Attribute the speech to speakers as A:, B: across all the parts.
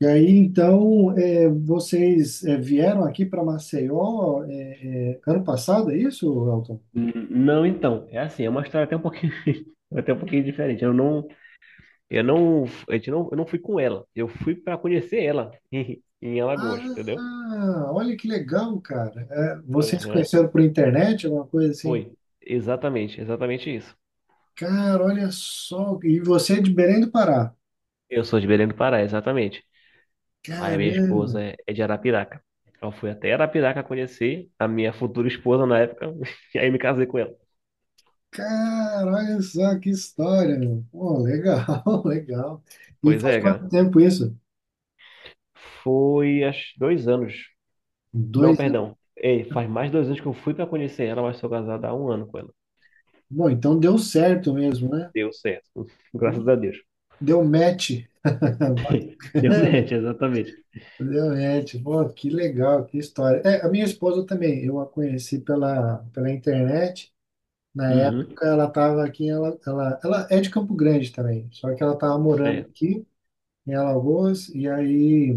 A: E aí, então, vocês vieram aqui para Maceió, ano passado, é isso, Elton?
B: Não, então, é assim, é uma história até um pouquinho, até um pouquinho diferente. Eu não, a gente não, Eu não fui com ela. Eu fui para conhecer ela em Alagoas, entendeu?
A: Ah, olha que legal, cara. É, vocês se
B: Aham.
A: conheceram por internet, alguma coisa assim?
B: Foi, exatamente, exatamente isso.
A: Cara, olha só. E você é de Belém do Pará?
B: Eu sou de Belém do Pará, exatamente. Aí a minha
A: Caramba,
B: esposa é de Arapiraca. Eu fui até Arapiraca conhecer a minha futura esposa na época, e aí me casei com ela.
A: cara, olha só que história, meu. Pô, legal, legal. E
B: Pois
A: faz
B: é,
A: quanto
B: cara.
A: tempo isso?
B: Foi há 2 anos. Não,
A: 2 anos.
B: perdão. Ei, faz mais de 2 anos que eu fui para conhecer ela, mas sou casado há um ano com ela.
A: Bom, então deu certo mesmo, né?
B: Deu certo. Graças a Deus.
A: Deu match.
B: Deu
A: Bacana.
B: match, exatamente.
A: Realmente, pô, que legal, que história. É, a minha esposa também, eu a conheci pela internet. Na
B: Uhum.
A: época ela estava aqui, ela é de Campo Grande também, só que ela estava morando
B: É.
A: aqui em Alagoas, e aí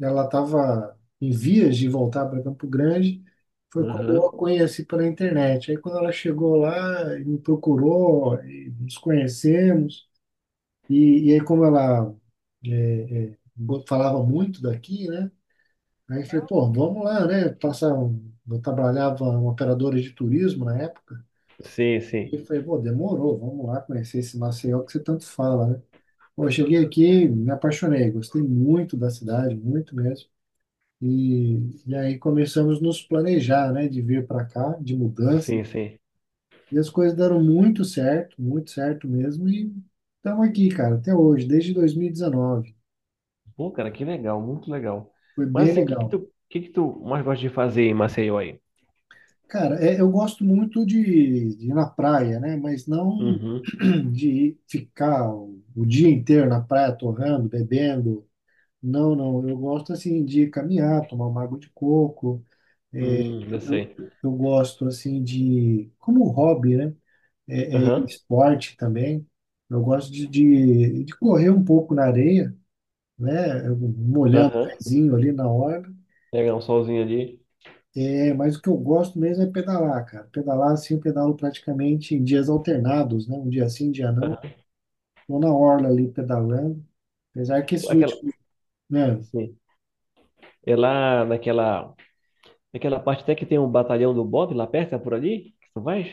A: ela estava em vias de voltar para Campo Grande. Foi quando eu a
B: Uhum.
A: conheci pela internet. Aí quando ela chegou lá, me procurou, e nos conhecemos, e aí como ela falava muito daqui, né? Aí eu
B: É
A: falei,
B: o-
A: pô, vamos lá, né? Eu trabalhava em uma operadora de turismo na época.
B: Sim,
A: E
B: sim.
A: eu falei, pô, demorou, vamos lá conhecer esse Maceió que você tanto fala, né? Pô, eu cheguei aqui, me apaixonei, gostei muito da cidade, muito mesmo. E, e aí começamos a nos planejar, né, de vir para cá, de mudança.
B: Sim, sim.
A: E as coisas deram muito certo mesmo. E estamos aqui, cara, até hoje, desde 2019.
B: Pô, cara, que legal, muito legal.
A: Foi
B: Mas
A: bem
B: assim,
A: legal.
B: o que que tu mais gosta de fazer em Maceió aí?
A: Cara, eu gosto muito de ir na praia, né? Mas não
B: Uhum.
A: de ficar o dia inteiro na praia torrando, bebendo. Não, não. Eu gosto assim de caminhar, tomar uma água de coco. É,
B: Eu
A: eu,
B: sei.
A: eu gosto assim de, como hobby, né? É, é
B: Aham.
A: esporte também. Eu gosto de correr um pouco na areia, né? Molhando o
B: Aham.
A: pezinho ali na hora.
B: Pegar um solzinho ali.
A: É, mas o que eu gosto mesmo é pedalar, cara. Pedalar assim, eu pedalo praticamente em dias alternados, né? Um dia sim, um dia não.
B: Aham.
A: Tô na orla ali pedalando. Apesar que esses
B: Aquela,
A: últimos, né?
B: sim. É lá naquela parte até que tem um batalhão do Bob lá perto, é por ali que tu vais?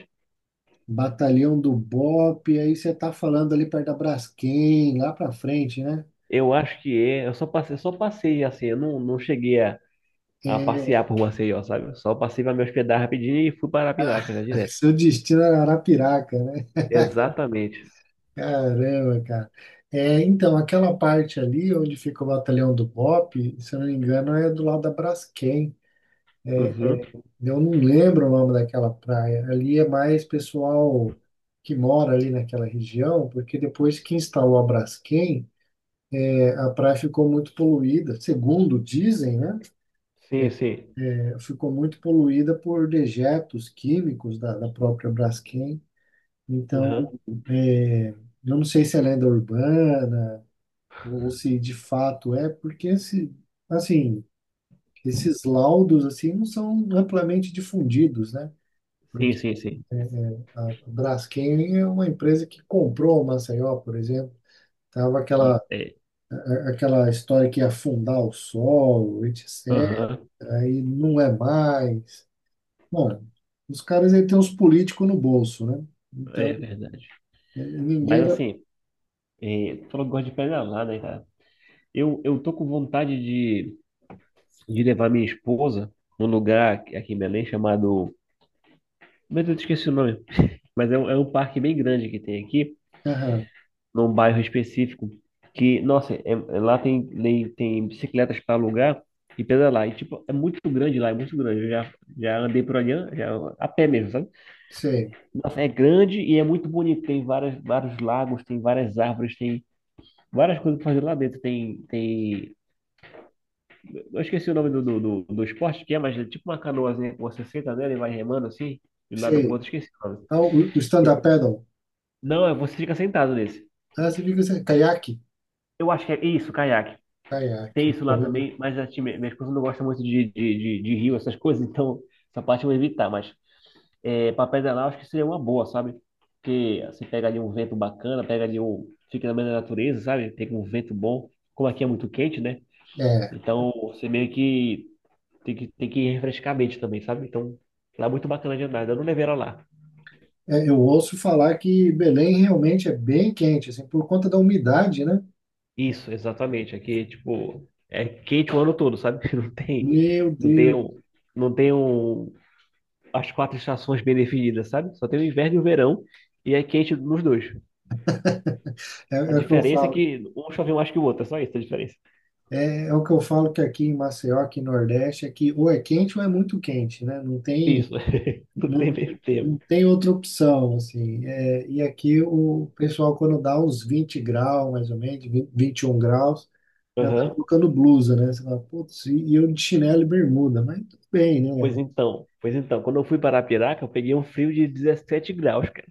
A: Batalhão do Bop, aí você tá falando ali perto da Braskem, lá pra frente, né?
B: Eu acho que é. Só passei assim, eu não, não cheguei a
A: É,
B: passear por Maceió, sabe? Só passei pra me hospedar rapidinho e fui para Arapiraca já direto.
A: seu destino era Arapiraca, né?
B: Exatamente.
A: Caramba, cara. É, então, aquela parte ali onde fica o batalhão do Bop, se eu não me engano, é do lado da Braskem.
B: Uhum.
A: Eu não lembro o nome daquela praia. Ali é mais pessoal que mora ali naquela região, porque depois que instalou a Braskem, a praia ficou muito poluída, segundo dizem, né?
B: Sim, sim.
A: Ficou muito poluída por dejetos químicos da própria Braskem. Então,
B: Uhum.
A: eu não sei se é lenda urbana ou se de fato é, porque esse, assim, esses laudos assim não são amplamente difundidos, né?
B: Sim, sim, sim.
A: A Braskem é uma empresa que comprou o Maceió, por exemplo. Tava aquela,
B: Isso, é.
A: aquela história que ia afundar o sol, etc.
B: Uhum.
A: Aí não é mais. Bom, os caras aí têm os políticos no bolso, né? Então,
B: É verdade. Mas
A: ninguém vai.
B: assim, é, tu falou que gosta de pedalar, né, cara? Eu tô com vontade de levar minha esposa num lugar aqui em Belém chamado. Mas eu esqueci o nome. Mas é um parque bem grande que tem aqui.
A: Aham,
B: Num bairro específico que, nossa, lá tem bicicletas para alugar e pedalar. E, tipo, é muito grande lá, é muito grande. Eu já andei por ali, já, a pé mesmo, sabe?
A: sei,
B: Nossa, é grande e é muito bonito. Tem várias, vários lagos, tem várias árvores, tem várias coisas para fazer lá dentro. Tem... Eu esqueci o nome do esporte que é, mas é tipo uma canoazinha que você senta nela e vai remando assim, de um lado pro
A: sei.
B: outro, esqueci o nome.
A: Ah, o stand-up paddle.
B: Não, você fica sentado nesse.
A: Ah, você fica assim, caiaque?
B: Eu acho que é isso, caiaque. Tem
A: Caiaque.
B: isso
A: Pô,
B: lá também, mas a minha esposa não gosta muito de rio, essas coisas, então essa parte eu vou evitar. Mas é, para pedalar, eu acho que seria uma boa, sabe? Porque você pega ali um vento bacana, pega ali um. Fica na meio da natureza, sabe? Pega um vento bom. Como aqui é muito quente, né?
A: É,
B: Então você meio que tem que refrescar a mente também, sabe? Então lá é muito bacana de andar. Eu não levei ela lá.
A: eu ouço falar que Belém realmente é bem quente, assim, por conta da umidade, né?
B: Isso, exatamente. Aqui, tipo, é quente o ano todo, sabe?
A: Meu
B: Não tem
A: Deus.
B: um, não tem as quatro estações bem definidas, sabe? Só tem o inverno e o verão, e é quente nos dois.
A: É,
B: A
A: é o que eu
B: diferença é
A: falo,
B: que um chove mais que o outro, é só isso a diferença.
A: é o que eu falo que aqui em Maceió, aqui no Nordeste, é que ou é quente ou é muito quente, né? Não tem,
B: Isso, não tem
A: não,
B: meio
A: não
B: termo.
A: tem outra opção, assim. É, e aqui o pessoal, quando dá uns 20 graus, mais ou menos, 20, 21 graus, já tá
B: Aham.
A: colocando blusa, né? Você fala, putz, e eu de chinelo e bermuda, mas tudo bem,
B: Pois
A: né?
B: então, pois então, quando eu fui para Arapiraca, eu peguei um frio de 17 graus, cara.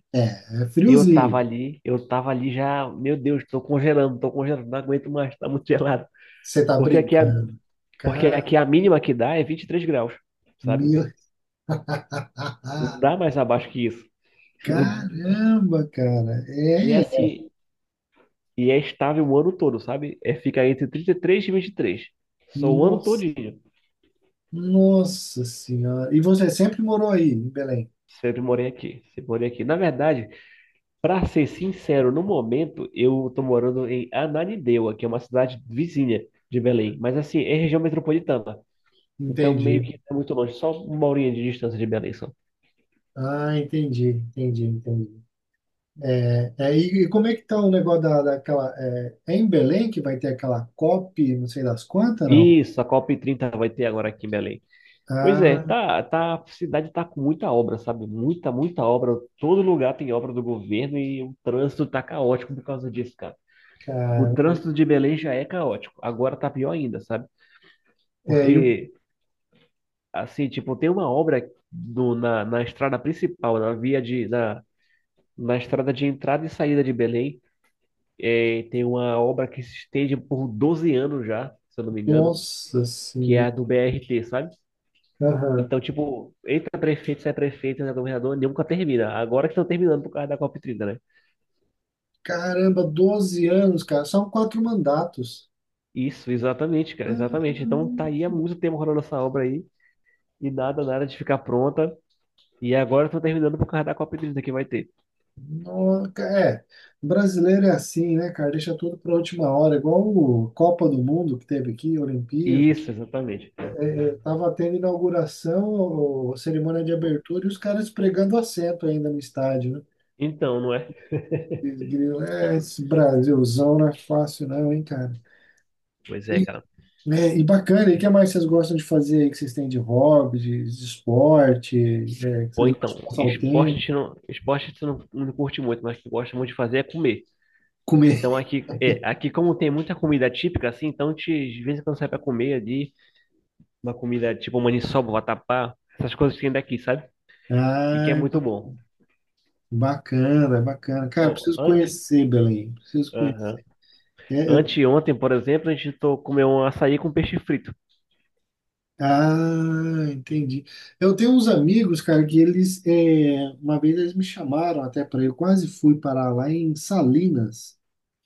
A: É
B: E
A: friozinho.
B: eu tava ali já, meu Deus, tô congelando, não aguento mais, tá muito gelado.
A: Você tá
B: Porque aqui a,
A: brincando.
B: porque
A: Cara,
B: aqui a mínima que dá é 23 graus, sabe?
A: meu.
B: Não dá mais abaixo que isso.
A: Caramba, cara.
B: E
A: É,
B: assim, e é estável o ano todo, sabe? É, fica entre 33 e 23, só o ano
A: nossa.
B: todinho.
A: Nossa Senhora. E você sempre morou aí, em Belém?
B: Sempre morei aqui. Sempre morei aqui. Na verdade, pra ser sincero, no momento eu tô morando em Ananindeua, que é uma cidade vizinha de Belém. Mas assim, é região metropolitana. Então meio
A: Entendi.
B: que não é muito longe. Só uma horinha de distância de Belém só.
A: Ah, entendi, entendi, entendi. E como é que tá o negócio daquela. É, é em Belém que vai ter aquela COP, não sei das quantas, não?
B: Isso, a COP30 vai ter agora aqui em Belém. Pois é,
A: Ah,
B: tá, a cidade tá com muita obra, sabe? Muita, muita obra. Todo lugar tem obra do governo e o trânsito tá caótico por causa disso, cara. O
A: cara.
B: trânsito de Belém já é caótico. Agora tá pior ainda, sabe?
A: É, e o.
B: Porque, assim, tipo, tem uma obra na, na estrada principal, na via de, na estrada de entrada e saída de Belém. É, tem uma obra que se estende por 12 anos já, se eu não me engano,
A: Nossa
B: que é
A: Senhora.
B: a do BRT, sabe?
A: Aham.
B: Então, tipo, entra prefeito, sai prefeito, entra governador, nunca termina. Agora que estão terminando por causa da COP30, né?
A: Caramba, 12 anos, cara. São 4 mandatos.
B: Isso, exatamente, cara, exatamente. Então tá aí há muito tempo rolando essa obra aí e nada, nada de ficar pronta. E agora eu tô terminando por causa da Copa Hídrica que vai ter.
A: É, brasileiro é assim, né, cara? Deixa tudo para última hora, igual o Copa do Mundo que teve aqui, Olimpíadas.
B: Isso, exatamente.
A: Tava tendo inauguração, ou cerimônia de abertura, e os caras pregando assento ainda no estádio, né?
B: Então, não é?
A: Eles grilam, é, esse Brasilzão não é fácil não, hein, cara?
B: Pois é,
A: E,
B: cara.
A: né, e bacana, e o que mais vocês gostam de fazer aí, que vocês têm de hobby, de esporte, é, que
B: Pô,
A: vocês gostam
B: então,
A: de passar o
B: esporte a
A: tempo,
B: gente não, esporte a gente não, não curte muito, mas o que gosta muito de fazer é comer.
A: comer?
B: Então aqui como tem muita comida típica, assim, então de vez em quando sai pra comer ali, uma comida tipo maniçoba, vatapá, essas coisas que tem daqui, sabe? E que é
A: Ai,
B: muito bom.
A: bacana, bacana. Cara,
B: Ó,
A: preciso
B: antes,
A: conhecer Belém, preciso conhecer.
B: aham.
A: É, eu.
B: Anteontem, por exemplo, a gente comeu um açaí com peixe frito.
A: Ah, entendi. Eu tenho uns amigos, cara, que uma vez eles me chamaram até para eu quase fui parar lá em Salinas.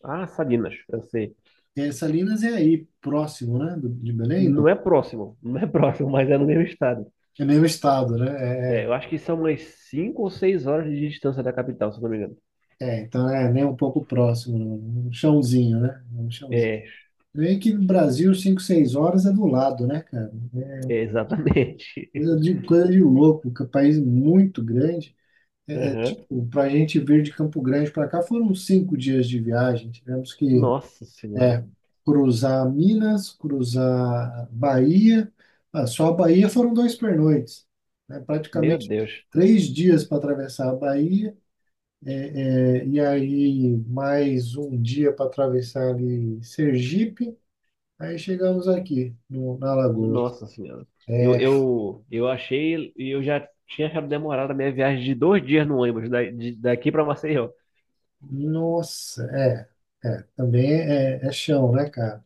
B: Ah, Salinas, eu sei.
A: É, Salinas é aí próximo, né, de Belém, não?
B: Não é próximo, não é próximo, mas é no mesmo estado.
A: É mesmo estado, né?
B: É,
A: É,
B: eu acho que são umas 5 ou 6 horas de distância da capital, se eu não me engano.
A: então é nem um pouco próximo, não. Um chãozinho, né? É um chãozinho.
B: É,
A: Vem que no Brasil, 5, 6 horas é do lado, né, cara? É
B: é exatamente.
A: coisa de, coisa de louco, que é um país muito grande.
B: Aham.
A: Para a gente vir de Campo Grande para cá foram 5 dias de viagem. Tivemos que
B: Nossa Senhora.
A: É, cruzar Minas, cruzar Bahia. Ah, só a Bahia foram 2 pernoites, né?
B: Meu
A: Praticamente
B: Deus.
A: 3 dias para atravessar a Bahia, e aí mais um dia para atravessar ali Sergipe. Aí chegamos aqui, no, na Alagoas.
B: Nossa Senhora. Eu,
A: É,
B: eu, eu achei, e eu já tinha achado demorado a minha viagem de 2 dias no ônibus, daqui para Maceió.
A: nossa, também é chão, né, cara?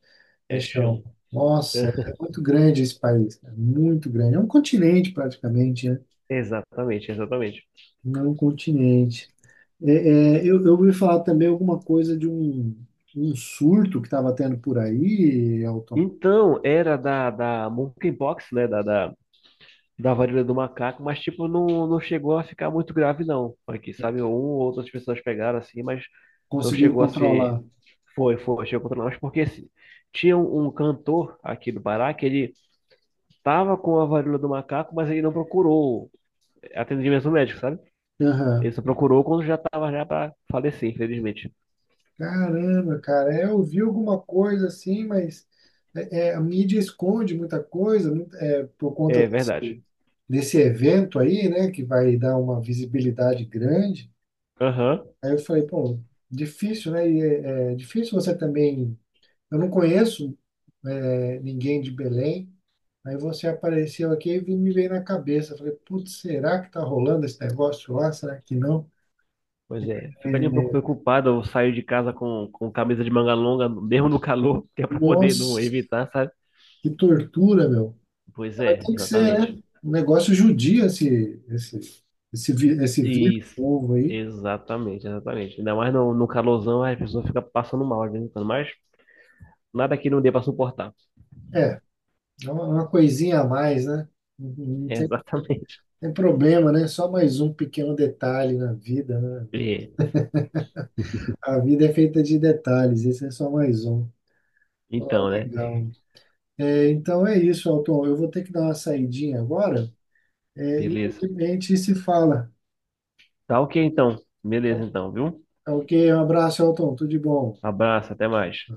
A: É
B: É
A: chão.
B: chão.
A: Nossa, é muito grande esse país, cara, muito grande. É um continente praticamente, né?
B: Exatamente, exatamente.
A: Não continente. É, eu ouvi falar também alguma coisa de um surto que estava tendo por aí, Elton.
B: Então, era da Monkeypox, né? Da varíola do macaco, mas tipo, não, não chegou a ficar muito grave, não. Aqui, sabe? Um ou outras pessoas pegaram assim, mas não
A: Conseguiram
B: chegou a ser.
A: controlar.
B: Foi, chegou contra nós, porque assim, tinha um cantor aqui do Pará que ele tava com a varíola do macaco, mas ele não procurou atendimento médico, sabe? Ele
A: Aham.
B: só procurou quando já tava já para falecer, infelizmente.
A: Caramba, cara, é, eu vi alguma coisa assim, mas é, é, a mídia esconde muita coisa, por conta
B: É
A: desse
B: verdade.
A: desse evento aí, né, que vai dar uma visibilidade grande.
B: Aham.
A: Aí eu falei, pô, difícil, né? E é difícil você também. Eu não conheço, ninguém de Belém. Aí você apareceu aqui e me veio na cabeça. Falei, putz, será que tá rolando esse negócio lá? Será que não?
B: Pois é, ficaria um pouco preocupado eu sair de casa com camisa de manga longa, mesmo no calor, que é para poder não
A: Nossa,
B: evitar, sabe?
A: que tortura, meu.
B: Pois
A: Mas
B: é,
A: tem que ser,
B: exatamente.
A: né? Um negócio judia esse vírus
B: Isso,
A: novo aí.
B: exatamente, exatamente. Ainda mais no calorzão, a pessoa fica passando mal às vezes, em quando, mas nada que não dê para suportar.
A: É, é uma coisinha a mais, né? Não não tem,
B: Exatamente.
A: tem problema, né? Só mais um pequeno detalhe na vida, né?
B: É,
A: A vida é feita de detalhes, esse é só mais um. Ó,
B: então, né?
A: legal. É, então é isso, Alton. Eu vou ter que dar uma saidinha agora. É, e aí,
B: Beleza.
A: de repente, se fala.
B: Tá ok, então. Beleza, então, viu?
A: Tá ok, um abraço, Elton, tudo de bom.
B: Abraço, até mais.